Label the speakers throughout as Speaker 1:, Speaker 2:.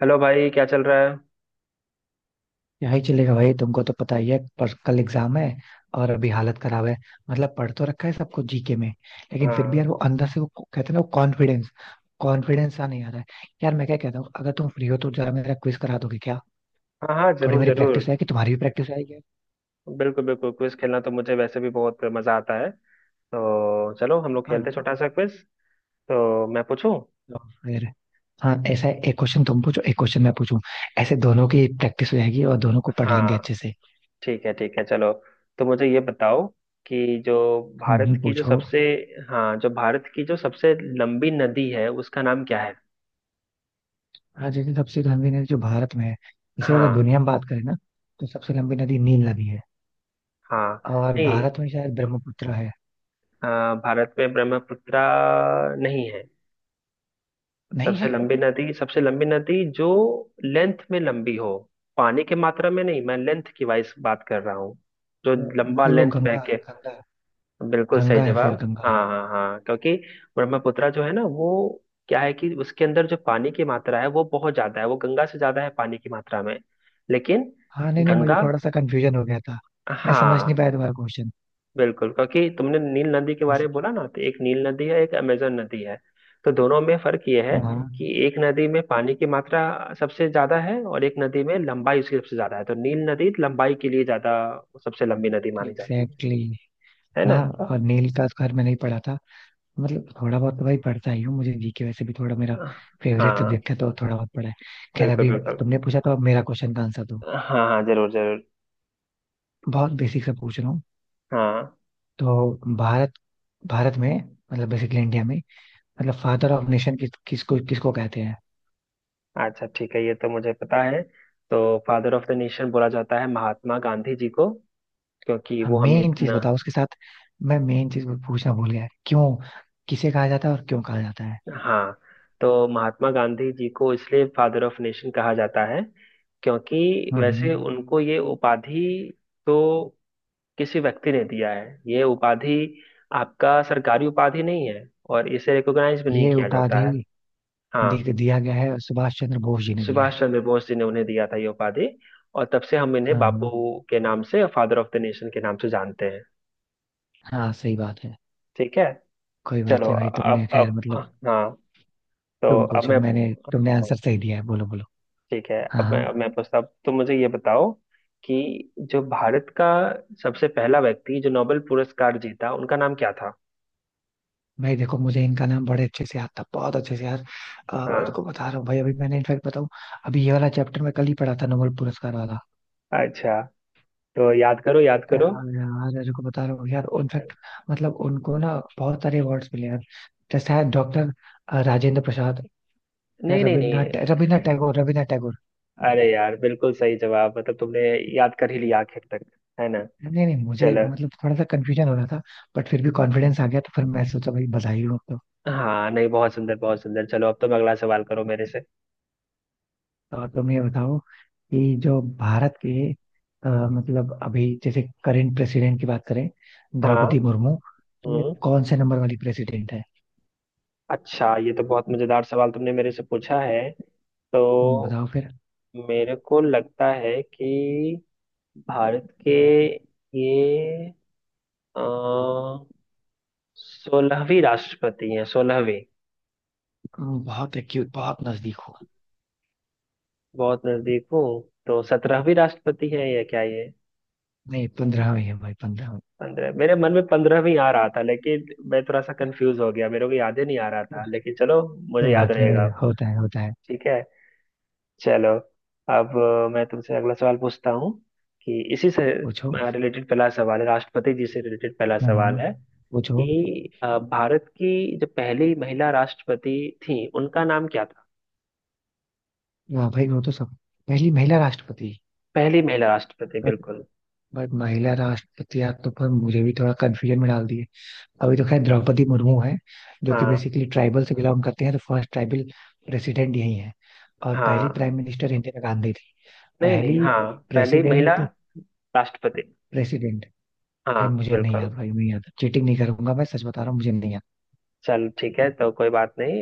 Speaker 1: Hello भाई, क्या चल रहा है।
Speaker 2: यही चलेगा भाई तुमको तो पता ही है पर कल एग्जाम है। और अभी हालत खराब है। मतलब पढ़ तो रखा है सब कुछ जीके में। लेकिन फिर भी
Speaker 1: हाँ
Speaker 2: यार वो अंदर से वो कहते हैं ना, वो कॉन्फिडेंस कॉन्फिडेंस सा नहीं आ रहा है। यार मैं क्या कहता हूँ, अगर तुम फ्री हो तो जरा मेरा क्विज करा दोगे क्या?
Speaker 1: हाँ हाँ,
Speaker 2: थोड़ी
Speaker 1: जरूर
Speaker 2: मेरी
Speaker 1: जरूर।
Speaker 2: प्रैक्टिस है कि तुम्हारी भी प्रैक्टिस आएगी।
Speaker 1: बिल्कुल बिल्कुल, क्विज खेलना तो मुझे वैसे भी बहुत मजा आता है। तो चलो, हम लोग
Speaker 2: हाँ
Speaker 1: खेलते हैं
Speaker 2: हाँ।
Speaker 1: छोटा सा क्विज। तो मैं पूछूं।
Speaker 2: तो फिर हाँ ऐसा है, एक क्वेश्चन तुम पूछो, एक क्वेश्चन मैं पूछूं। ऐसे दोनों की प्रैक्टिस हो जाएगी और दोनों को पढ़ लेंगे
Speaker 1: हाँ,
Speaker 2: अच्छे से।
Speaker 1: ठीक है ठीक है, चलो। तो मुझे ये बताओ कि जो भारत
Speaker 2: नहीं,
Speaker 1: की जो
Speaker 2: पूछो।
Speaker 1: सबसे हाँ, जो भारत की जो सबसे लंबी नदी है उसका नाम क्या है।
Speaker 2: हाँ जैसे, सबसे लंबी नदी जो भारत में है, इसे अगर
Speaker 1: हाँ
Speaker 2: दुनिया में बात करें ना, तो सबसे लंबी नदी नील नदी है।
Speaker 1: हाँ।
Speaker 2: और
Speaker 1: नहीं,
Speaker 2: भारत में शायद ब्रह्मपुत्र है।
Speaker 1: अ, भारत में ब्रह्मपुत्र नहीं है।
Speaker 2: नहीं
Speaker 1: सबसे
Speaker 2: है।
Speaker 1: लंबी नदी, सबसे लंबी नदी जो लेंथ में लंबी हो, पानी की मात्रा में नहीं, मैं लेंथ की वाइज बात कर रहा हूँ। जो
Speaker 2: वो-
Speaker 1: लंबा
Speaker 2: फिर वो
Speaker 1: लेंथ बह
Speaker 2: गंगा,
Speaker 1: के।
Speaker 2: गंगा।
Speaker 1: बिल्कुल सही
Speaker 2: गंगा है,
Speaker 1: जवाब।
Speaker 2: फिर गंगा।
Speaker 1: हाँ हाँ हाँ, क्योंकि ब्रह्मपुत्रा जो है ना, वो क्या है कि उसके अंदर जो पानी की मात्रा है वो बहुत ज्यादा है, वो गंगा से ज्यादा है पानी की मात्रा में। लेकिन
Speaker 2: हाँ, नहीं नहीं मुझे
Speaker 1: गंगा।
Speaker 2: थोड़ा सा कंफ्यूजन हो गया था। मैं समझ नहीं
Speaker 1: हाँ,
Speaker 2: पाया तुम्हारा क्वेश्चन।
Speaker 1: बिल्कुल, क्योंकि तुमने नील नदी के बारे
Speaker 2: बस।
Speaker 1: में बोला ना, तो एक नील नदी है, एक अमेजन नदी है। तो दोनों में फर्क यह है
Speaker 2: हाँ।
Speaker 1: कि एक नदी में पानी की मात्रा सबसे ज्यादा है, और एक नदी में लंबाई उसकी सबसे ज्यादा है, तो नील नदी लंबाई के लिए ज्यादा, सबसे लंबी नदी मानी जाती है।
Speaker 2: एग्जैक्टली।
Speaker 1: है
Speaker 2: हाँ।
Speaker 1: ना।
Speaker 2: और नील का स्क्वायर मैंने ही पढ़ा था। मतलब थोड़ा बहुत तो भाई पढ़ता ही हूँ, मुझे जीके वैसे भी थोड़ा मेरा फेवरेट
Speaker 1: हाँ,
Speaker 2: सब्जेक्ट है, तो थोड़ा बहुत पढ़ा है। खैर,
Speaker 1: बिल्कुल
Speaker 2: अभी
Speaker 1: बिल्कुल।
Speaker 2: तुमने पूछा, तो अब मेरा क्वेश्चन का आंसर दो।
Speaker 1: हाँ हाँ, जरूर जरूर।
Speaker 2: बहुत बेसिक से पूछ रहा हूँ।
Speaker 1: हाँ।
Speaker 2: तो भारत, भारत में, मतलब बेसिकली इंडिया में, मतलब फादर ऑफ नेशन किसको कहते हैं?
Speaker 1: अच्छा, ठीक है, ये तो मुझे पता है। तो फादर ऑफ द नेशन बोला जाता है महात्मा गांधी जी को, क्योंकि
Speaker 2: हाँ
Speaker 1: वो हमें
Speaker 2: मेन चीज
Speaker 1: इतना।
Speaker 2: बताओ उसके साथ। मैं मेन चीज पूछना भूल गया, क्यों किसे कहा जाता है और क्यों कहा जाता है।
Speaker 1: हाँ, तो महात्मा गांधी जी को इसलिए फादर ऑफ नेशन कहा जाता है, क्योंकि
Speaker 2: हम्म।
Speaker 1: वैसे उनको ये उपाधि, तो किसी व्यक्ति ने दिया है ये उपाधि, आपका सरकारी उपाधि नहीं है, और इसे रिकॉग्नाइज भी नहीं
Speaker 2: ये
Speaker 1: किया जाता है।
Speaker 2: उपाधि
Speaker 1: हाँ,
Speaker 2: दिया गया है, सुभाष चंद्र बोस जी ने दिया
Speaker 1: सुभाष
Speaker 2: है।
Speaker 1: चंद्र बोस जी ने उन्हें दिया था ये उपाधि, और तब से हम इन्हें
Speaker 2: हाँ हाँ।
Speaker 1: बापू के नाम से, फादर ऑफ द नेशन के नाम से जानते हैं।
Speaker 2: हाँ सही बात है।
Speaker 1: ठीक है,
Speaker 2: कोई बात
Speaker 1: चलो
Speaker 2: नहीं भाई, तुमने
Speaker 1: अब
Speaker 2: खैर
Speaker 1: अब
Speaker 2: मतलब।
Speaker 1: हाँ, तो
Speaker 2: तुम
Speaker 1: अब
Speaker 2: पूछो,
Speaker 1: मैं।
Speaker 2: मैंने तुमने आंसर सही दिया है, बोलो बोलो।
Speaker 1: ठीक है,
Speaker 2: हाँ
Speaker 1: अब मैं
Speaker 2: हाँ।
Speaker 1: अब मैं पूछता हूँ, तो मुझे ये बताओ कि जो भारत का सबसे पहला व्यक्ति जो नोबेल पुरस्कार जीता उनका नाम क्या था।
Speaker 2: भाई देखो, मुझे इनका नाम बड़े अच्छे से याद था, बहुत अच्छे से यार। रुको
Speaker 1: हाँ,
Speaker 2: बता रहा हूँ भाई, अभी मैंने इनफैक्ट बताऊँ। अभी ये वाला चैप्टर मैं कल ही पढ़ा था, नोबेल पुरस्कार वाला।
Speaker 1: अच्छा, तो याद करो याद करो।
Speaker 2: यार यार, यार, को बता रहा हूँ यार, इनफैक्ट मतलब उनको ना बहुत सारे अवार्ड्स मिले यार। जैसे है डॉक्टर राजेंद्र प्रसाद। यार
Speaker 1: नहीं नहीं नहीं।
Speaker 2: रविन्द्रनाथ टैगोर, रविन्द्रनाथ टैगोर।
Speaker 1: अरे यार, बिल्कुल सही जवाब, मतलब तुमने याद कर ही लिया आखिर तक। है ना।
Speaker 2: नहीं नहीं मुझे
Speaker 1: चलो।
Speaker 2: मतलब थोड़ा सा कंफ्यूजन हो रहा था। बट फिर भी कॉन्फिडेंस आ गया, तो फिर मैं सोचा भाई बधाई हो तो।
Speaker 1: हाँ, नहीं, बहुत सुंदर बहुत सुंदर, चलो अब तुम अगला सवाल करो मेरे से।
Speaker 2: और तुम ये बताओ कि जो भारत के मतलब अभी जैसे करंट प्रेसिडेंट की बात करें, द्रौपदी
Speaker 1: हाँ,
Speaker 2: मुर्मू, तो ये
Speaker 1: हम्म,
Speaker 2: कौन से नंबर वाली प्रेसिडेंट है?
Speaker 1: अच्छा, ये तो बहुत मजेदार सवाल तुमने मेरे से पूछा है। तो
Speaker 2: बताओ फिर।
Speaker 1: मेरे को लगता है कि भारत के ये अ, 16वीं राष्ट्रपति हैं, 16वीं।
Speaker 2: बहुत एक्यूट, बहुत नजदीक हो।
Speaker 1: बहुत नजदीक हूँ। तो 17वीं राष्ट्रपति हैं या क्या ये।
Speaker 2: नहीं, पंद्रहवें है भाई, 15।
Speaker 1: पंद्रह, मेरे मन में 15वीं आ रहा था लेकिन मैं थोड़ा सा कंफ्यूज हो गया, मेरे को याद ही नहीं आ रहा था, लेकिन चलो, मुझे
Speaker 2: कोई
Speaker 1: याद
Speaker 2: बात नहीं भाई,
Speaker 1: रहेगा।
Speaker 2: होता है होता है।
Speaker 1: ठीक है, चलो अब मैं तुमसे अगला सवाल पूछता हूँ कि इसी से
Speaker 2: पूछो।
Speaker 1: रिलेटेड पहला सवाल है, राष्ट्रपति जी से रिलेटेड पहला सवाल
Speaker 2: हाँ,
Speaker 1: है
Speaker 2: पूछो।
Speaker 1: कि भारत की जो पहली महिला राष्ट्रपति थी उनका नाम क्या था।
Speaker 2: हाँ भाई वो तो सब, पहली महिला राष्ट्रपति।
Speaker 1: पहली महिला राष्ट्रपति,
Speaker 2: बट
Speaker 1: बिल्कुल।
Speaker 2: बट महिला राष्ट्रपति आप तो, पर मुझे भी थोड़ा कंफ्यूजन में डाल दिए। अभी तो खैर द्रौपदी मुर्मू है, जो कि
Speaker 1: हाँ
Speaker 2: बेसिकली ट्राइबल से बिलोंग करते हैं, तो फर्स्ट ट्राइबल प्रेसिडेंट यही है। और पहली
Speaker 1: हाँ।
Speaker 2: प्राइम मिनिस्टर इंदिरा गांधी थी।
Speaker 1: नहीं नहीं,
Speaker 2: पहली
Speaker 1: हाँ, पहली महिला
Speaker 2: प्रेसिडेंट।
Speaker 1: राष्ट्रपति।
Speaker 2: प्रेसिडेंट।
Speaker 1: हाँ,
Speaker 2: भाई मुझे नहीं
Speaker 1: बिल्कुल,
Speaker 2: याद भाई, नहीं याद, चीटिंग नहीं करूंगा, मैं सच बता रहा हूँ, मुझे नहीं याद।
Speaker 1: चल ठीक है, तो कोई बात नहीं,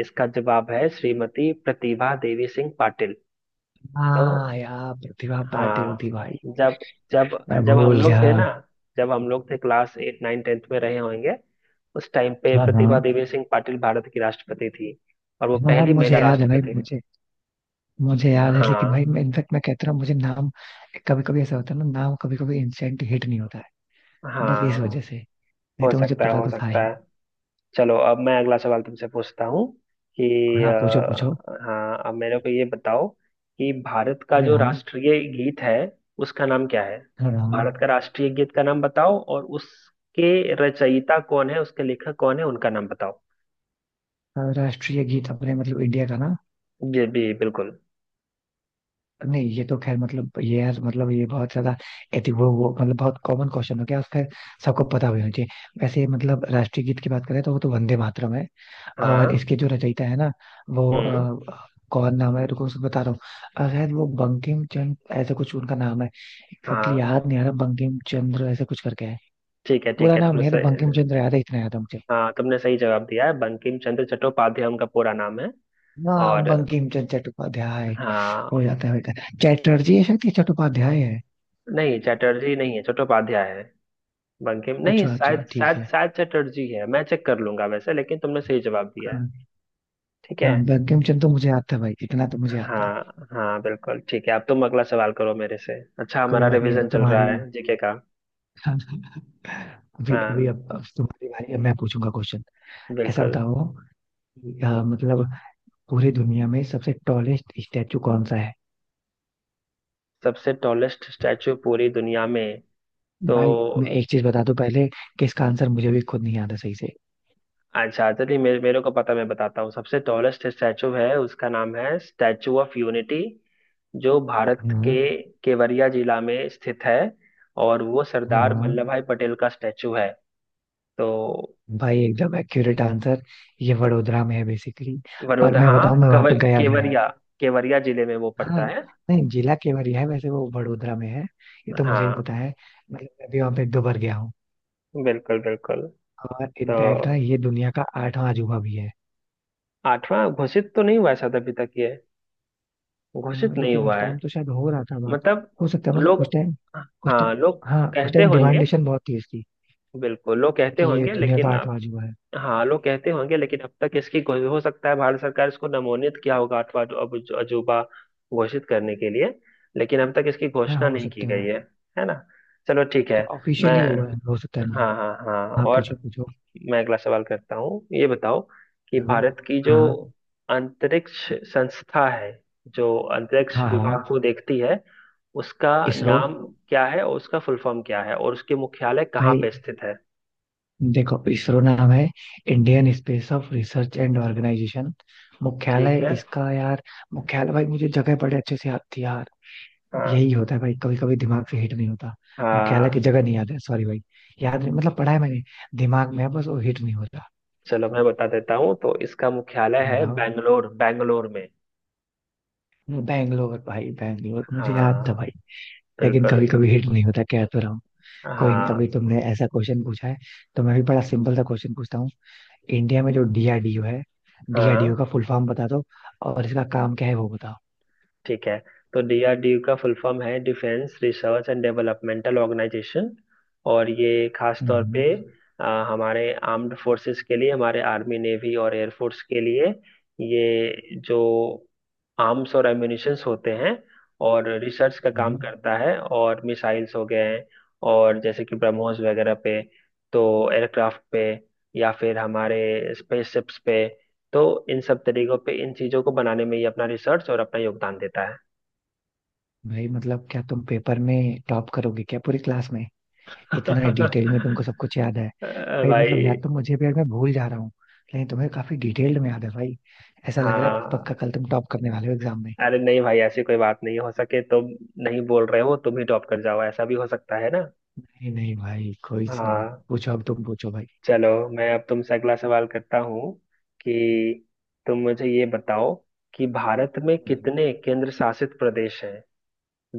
Speaker 1: इसका जवाब है श्रीमती प्रतिभा देवी सिंह पाटिल। तो
Speaker 2: हाँ यार, प्रतिभा पाटिल थी
Speaker 1: हाँ,
Speaker 2: भाई।
Speaker 1: जब जब
Speaker 2: मैं
Speaker 1: जब हम
Speaker 2: भूल
Speaker 1: लोग
Speaker 2: गया।
Speaker 1: थे ना, जब हम लोग थे क्लास 8 9 10th में रहे होंगे, उस टाइम पे
Speaker 2: हाँ
Speaker 1: प्रतिभा
Speaker 2: हाँ
Speaker 1: देवी सिंह पाटिल भारत की राष्ट्रपति थी, और वो
Speaker 2: हाँ। हाँ
Speaker 1: पहली
Speaker 2: मुझे
Speaker 1: महिला
Speaker 2: याद है भाई,
Speaker 1: राष्ट्रपति।
Speaker 2: मुझे। मुझे याद है लेकिन
Speaker 1: हाँ
Speaker 2: भाई, मैं इनफेक्ट मैं कहता हूँ, मुझे नाम कभी कभी ऐसा होता है ना, नाम कभी कभी इंस्टेंट हिट नहीं होता है। बस इस
Speaker 1: हाँ।
Speaker 2: वजह से। नहीं
Speaker 1: हो
Speaker 2: तो मुझे
Speaker 1: सकता है
Speaker 2: पता
Speaker 1: हो
Speaker 2: तो था
Speaker 1: सकता
Speaker 2: ही।
Speaker 1: है। चलो, अब मैं अगला सवाल तुमसे पूछता हूँ कि
Speaker 2: हाँ पूछो पूछो।
Speaker 1: अ, हाँ, अब मेरे को ये बताओ कि भारत का
Speaker 2: अरे
Speaker 1: जो
Speaker 2: हाँ।
Speaker 1: राष्ट्रीय गीत है उसका नाम क्या है।
Speaker 2: अरे हाँ।
Speaker 1: भारत का राष्ट्रीय गीत का नाम बताओ, और उसके रचयिता कौन है, उसके लेखक कौन है, उनका नाम बताओ।
Speaker 2: हाँ, राष्ट्रीय गीत अपने मतलब इंडिया का ना।
Speaker 1: जी जी, बिल्कुल।
Speaker 2: नहीं, ये तो खैर मतलब, ये यार मतलब, ये बहुत ज्यादा एति वो मतलब बहुत कॉमन क्वेश्चन हो गया, और खैर सबको पता भी होना चाहिए वैसे। मतलब राष्ट्रीय गीत की बात करें तो वो तो वंदे मातरम है। और
Speaker 1: हाँ,
Speaker 2: इसके जो रचयिता है ना, वो
Speaker 1: हम्म।
Speaker 2: कौन नाम है, रुको उसको बता रहा हूँ। शायद वो बंकिम चंद्र, ऐसा कुछ उनका नाम है। एग्जैक्टली
Speaker 1: हाँ,
Speaker 2: याद नहीं आ रहा, बंकिम चंद्र ऐसा कुछ करके है।
Speaker 1: ठीक है ठीक
Speaker 2: पूरा
Speaker 1: है,
Speaker 2: नाम
Speaker 1: तुमने
Speaker 2: नहीं है, तो बंकिम
Speaker 1: सही।
Speaker 2: चंद्र याद है, इतना याद है मुझे।
Speaker 1: हाँ, तुमने सही जवाब दिया है, बंकिम चंद्र चट्टोपाध्याय उनका पूरा नाम है।
Speaker 2: हाँ,
Speaker 1: और
Speaker 2: बंकिम चंद्र चट्टोपाध्याय, हो
Speaker 1: हाँ।
Speaker 2: जाता है बेटा। चैटर्जी है शायद, ये चट्टोपाध्याय है।
Speaker 1: नहीं, चटर्जी नहीं है, चट्टोपाध्याय है। बंकिम नहीं,
Speaker 2: अच्छा अच्छा,
Speaker 1: शायद
Speaker 2: ठीक
Speaker 1: शायद
Speaker 2: है।
Speaker 1: शायद चटर्जी है, मैं चेक कर लूंगा वैसे, लेकिन तुमने सही जवाब दिया है।
Speaker 2: हाँ
Speaker 1: ठीक
Speaker 2: हाँ,
Speaker 1: है।
Speaker 2: बंकिम चंद्र तो मुझे याद था भाई, इतना तो मुझे याद था।
Speaker 1: हाँ हाँ बिल्कुल, ठीक है, अब तुम अगला सवाल करो मेरे से। अच्छा,
Speaker 2: कोई
Speaker 1: हमारा
Speaker 2: बात नहीं, अब
Speaker 1: रिवीजन चल रहा
Speaker 2: तुम्हारी
Speaker 1: है जीके का।
Speaker 2: अभी अभी
Speaker 1: हाँ,
Speaker 2: अब तुम्हारी बारी है, मैं पूछूंगा क्वेश्चन। ऐसा
Speaker 1: बिल्कुल।
Speaker 2: बताओ कि, मतलब पूरी दुनिया में सबसे टॉलेस्ट स्टैचू कौन सा है?
Speaker 1: सबसे टॉलेस्ट स्टैचू पूरी दुनिया में। तो
Speaker 2: भाई मैं एक चीज बता दूं पहले, कि इसका आंसर मुझे भी खुद नहीं आता सही से।
Speaker 1: अच्छा, चलिए मेरे मेरे को पता, मैं बताता हूँ, सबसे टॉलेस्ट स्टैचू है, उसका नाम है स्टैचू ऑफ यूनिटी, जो भारत के
Speaker 2: हाँ।
Speaker 1: केवड़िया जिला में स्थित है, और वो सरदार
Speaker 2: हाँ।
Speaker 1: वल्लभ भाई पटेल का स्टैचू है। तो
Speaker 2: भाई एकदम एक्यूरेट आंसर। ये वडोदरा में है बेसिकली। और
Speaker 1: वडोदरा,
Speaker 2: मैं
Speaker 1: हाँ,
Speaker 2: बताऊं, मैं वहां पे गया भी हूँ।
Speaker 1: केवड़िया, केवड़िया जिले में वो
Speaker 2: हाँ।
Speaker 1: पड़ता है।
Speaker 2: नहीं, जिला केवड़िया है वैसे, वो वडोदरा में है। ये तो मुझे ही
Speaker 1: हाँ,
Speaker 2: पता है। मतलब मैं भी वहां पे एक दो बार गया हूँ।
Speaker 1: बिल्कुल बिल्कुल।
Speaker 2: और
Speaker 1: तो
Speaker 2: इनफैक्ट ना, ये दुनिया का आठवां अजूबा भी है।
Speaker 1: आठवां घोषित तो नहीं हुआ है शायद अभी तक, ये
Speaker 2: हाँ,
Speaker 1: घोषित नहीं
Speaker 2: लेकिन
Speaker 1: हुआ
Speaker 2: उस
Speaker 1: है।
Speaker 2: टाइम तो शायद हो रहा था बात।
Speaker 1: मतलब,
Speaker 2: हो सकता है, मतलब
Speaker 1: लोग,
Speaker 2: उस टाइम, उस
Speaker 1: हाँ
Speaker 2: टाइम,
Speaker 1: लोग
Speaker 2: हाँ उस
Speaker 1: कहते
Speaker 2: टाइम
Speaker 1: होंगे,
Speaker 2: डिमांडेशन बहुत थी इसकी,
Speaker 1: बिल्कुल लोग कहते
Speaker 2: कि ये
Speaker 1: होंगे
Speaker 2: दुनिया
Speaker 1: लेकिन,
Speaker 2: का आठवां अजूबा है।
Speaker 1: हाँ लोग कहते होंगे लेकिन अब तक इसकी कोई, हो सकता है भारत सरकार इसको नमोनित किया होगा, अथवा अजूबा घोषित करने के लिए, लेकिन अब तक इसकी
Speaker 2: है,
Speaker 1: घोषणा
Speaker 2: हो
Speaker 1: नहीं की
Speaker 2: सकता
Speaker 1: गई
Speaker 2: है।
Speaker 1: है। है ना। चलो ठीक है।
Speaker 2: तो
Speaker 1: मैं,
Speaker 2: ऑफिशियली हुआ है, हो सकता है ना।
Speaker 1: हाँ हाँ हाँ,
Speaker 2: हाँ पूछो
Speaker 1: और
Speaker 2: पूछो।
Speaker 1: मैं अगला सवाल करता हूँ, ये बताओ कि
Speaker 2: करो।
Speaker 1: भारत की जो
Speaker 2: हाँ
Speaker 1: अंतरिक्ष संस्था है, जो अंतरिक्ष
Speaker 2: हाँ। हाँ,
Speaker 1: विभाग को देखती है, उसका
Speaker 2: इसरो।
Speaker 1: नाम क्या है, और उसका फुल फॉर्म क्या है, और उसके मुख्यालय कहाँ
Speaker 2: भाई
Speaker 1: पे स्थित है।
Speaker 2: देखो, इसरो नाम है, Indian space of research and organisation.
Speaker 1: ठीक
Speaker 2: मुख्यालय
Speaker 1: है।
Speaker 2: इसका यार, मुख्यालय भाई, मुझे जगह बड़े अच्छे से याद थी यार। यही
Speaker 1: हाँ
Speaker 2: होता है भाई, कभी कभी दिमाग से हिट नहीं होता। मुख्यालय की
Speaker 1: हाँ।
Speaker 2: जगह नहीं याद है, सॉरी भाई। याद नहीं, मतलब पढ़ा है मैंने, दिमाग में है, बस वो हिट नहीं होता।
Speaker 1: चलो, मैं बता देता हूँ, तो इसका मुख्यालय है
Speaker 2: बताओ।
Speaker 1: बेंगलोर, बेंगलोर में।
Speaker 2: बैंगलोर भाई, बैंगलोर मुझे याद था
Speaker 1: हाँ,
Speaker 2: भाई। लेकिन
Speaker 1: बिल्कुल।
Speaker 2: कभी कभी हिट नहीं होता, कह तो रहा हूँ। कोई नहीं, अभी
Speaker 1: हाँ
Speaker 2: तुमने ऐसा क्वेश्चन पूछा है, तो मैं भी बड़ा सिंपल सा क्वेश्चन पूछता हूँ। इंडिया में जो डीआरडीओ है, डीआरडीओ
Speaker 1: हाँ।
Speaker 2: का फुल फॉर्म बता दो, और इसका काम क्या है वो बताओ।
Speaker 1: ठीक है, तो डीआरडीओ का फुल फॉर्म है defence research and developmental organisation. और ये खास तौर
Speaker 2: हम्म,
Speaker 1: पे अ, हमारे आर्म्ड फोर्सेस के लिए, हमारे आर्मी नेवी और एयरफोर्स के लिए ये जो आर्म्स और एम्युनिशंस होते हैं, और रिसर्च का काम
Speaker 2: हम्म।
Speaker 1: करता है, और मिसाइल्स हो गए हैं, और जैसे कि ब्रह्मोस वगैरह पे, तो एयरक्राफ्ट पे, या फिर हमारे स्पेसशिप्स पे, तो इन सब तरीकों पे इन चीजों को बनाने में ही अपना रिसर्च और अपना योगदान देता है।
Speaker 2: भाई मतलब क्या तुम पेपर में टॉप करोगे क्या पूरी क्लास में? इतना डिटेल में तुमको सब कुछ याद है। भाई मतलब
Speaker 1: भाई।
Speaker 2: याद तो मुझे भी, यार मैं भूल जा रहा हूँ, लेकिन तुम्हें काफी डिटेल्ड में याद है भाई। ऐसा लग रहा है
Speaker 1: हाँ,
Speaker 2: पक्का, कल तुम टॉप करने वाले हो एग्जाम में।
Speaker 1: अरे नहीं भाई, ऐसी कोई बात नहीं, हो सके तुम नहीं बोल रहे हो, तुम ही टॉप कर जाओ, ऐसा भी हो सकता है ना।
Speaker 2: नहीं नहीं भाई, कोई नहीं,
Speaker 1: हाँ,
Speaker 2: पूछो, अब तुम पूछो।
Speaker 1: चलो, मैं अब तुमसे अगला सवाल करता हूँ कि तुम मुझे ये बताओ कि भारत में
Speaker 2: भाई
Speaker 1: कितने केंद्र शासित प्रदेश हैं।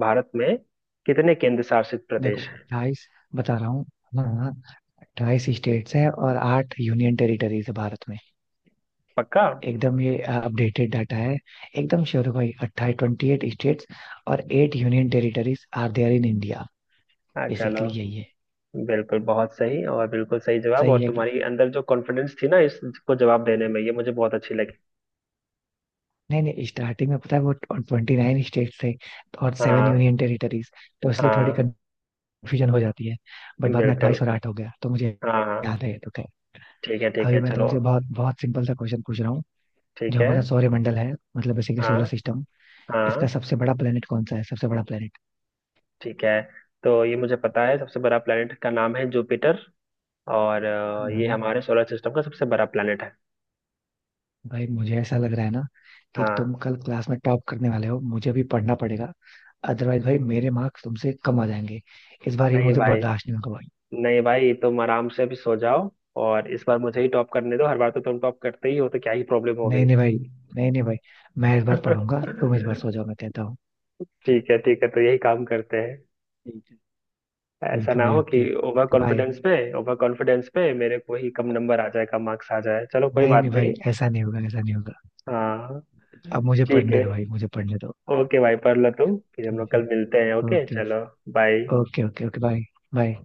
Speaker 1: भारत में कितने केंद्र शासित
Speaker 2: देखो,
Speaker 1: प्रदेश हैं।
Speaker 2: 28, बता रहा हूँ। हाँ। 28 स्टेट्स हैं, और आठ यूनियन टेरिटरीज है भारत में।
Speaker 1: पक्का।
Speaker 2: एकदम ये अपडेटेड डाटा है। एकदम श्योर हो भाई, 28, 28 स्टेट्स, और eight union territories are there in India.
Speaker 1: हाँ, चलो,
Speaker 2: बेसिकली यही है।
Speaker 1: बिल्कुल बहुत सही और बिल्कुल सही जवाब,
Speaker 2: सही
Speaker 1: और
Speaker 2: है कि
Speaker 1: तुम्हारी अंदर जो कॉन्फिडेंस थी ना इसको जवाब देने में, ये मुझे बहुत अच्छी लगी।
Speaker 2: नहीं? नहीं, स्टार्टिंग में पता है, वो 29 स्टेट्स थे, और सेवन
Speaker 1: हाँ
Speaker 2: यूनियन टेरिटरीज, तो इसलिए थोड़ी
Speaker 1: हाँ
Speaker 2: कंफ्यूजन हो जाती है। बट बाद में
Speaker 1: बिल्कुल।
Speaker 2: 28 और आठ हो गया, तो मुझे
Speaker 1: हाँ हाँ।
Speaker 2: याद है ये तो खैर।
Speaker 1: ठीक है ठीक
Speaker 2: अभी
Speaker 1: है।
Speaker 2: मैं
Speaker 1: चलो
Speaker 2: तुमसे बहुत बहुत सिंपल सा क्वेश्चन पूछ रहा हूँ। जो
Speaker 1: ठीक है।
Speaker 2: हमारा सौरमंडल है, मतलब बेसिकली
Speaker 1: हाँ
Speaker 2: सोलर सिस्टम, इसका
Speaker 1: हाँ,
Speaker 2: सबसे बड़ा प्लेनेट कौन सा है, सबसे बड़ा प्लेनेट?
Speaker 1: ठीक है, तो ये मुझे पता है, सबसे बड़ा प्लेनेट का नाम है जुपिटर, और ये हमारे सोलर सिस्टम का सबसे बड़ा प्लेनेट है।
Speaker 2: भाई मुझे ऐसा लग रहा है ना, कि तुम
Speaker 1: हाँ,
Speaker 2: कल क्लास में टॉप करने वाले हो, मुझे भी पढ़ना पड़ेगा, अदरवाइज भाई मेरे मार्क्स तुमसे कम आ जाएंगे, इस बार ये
Speaker 1: नहीं
Speaker 2: मुझे
Speaker 1: भाई,
Speaker 2: बर्दाश्त नहीं होगा भाई।
Speaker 1: नहीं भाई, तुम आराम से अभी सो जाओ, और इस बार मुझे ही टॉप करने दो, हर बार तो तुम टॉप करते ही हो तो क्या ही प्रॉब्लम हो
Speaker 2: नहीं नहीं भाई। नहीं नहीं भाई, मैं इस बार
Speaker 1: गई।
Speaker 2: पढ़ूंगा, तुम इस बार सो जाओ, मैं कहता हूँ।
Speaker 1: ठीक है ठीक है, तो यही काम करते हैं,
Speaker 2: ठीक है।
Speaker 1: ऐसा
Speaker 2: ठीक है
Speaker 1: ना
Speaker 2: भाई,
Speaker 1: हो कि
Speaker 2: ओके
Speaker 1: ओवर
Speaker 2: भाई।
Speaker 1: कॉन्फिडेंस पे, ओवर कॉन्फिडेंस पे मेरे को ही कम नंबर आ जाए, कम मार्क्स आ जाए, चलो कोई
Speaker 2: नहीं
Speaker 1: बात
Speaker 2: नहीं भाई,
Speaker 1: नहीं।
Speaker 2: ऐसा नहीं होगा, ऐसा नहीं होगा।
Speaker 1: हाँ,
Speaker 2: अब मुझे
Speaker 1: ठीक
Speaker 2: पढ़ने
Speaker 1: है,
Speaker 2: दो भाई, मुझे पढ़ने दो।
Speaker 1: ओके भाई पढ़ लो तुम, फिर हम
Speaker 2: ठीक
Speaker 1: लोग
Speaker 2: है।
Speaker 1: कल मिलते हैं, ओके
Speaker 2: ओके।
Speaker 1: चलो, bye.
Speaker 2: Okay okay okay bye. Bye.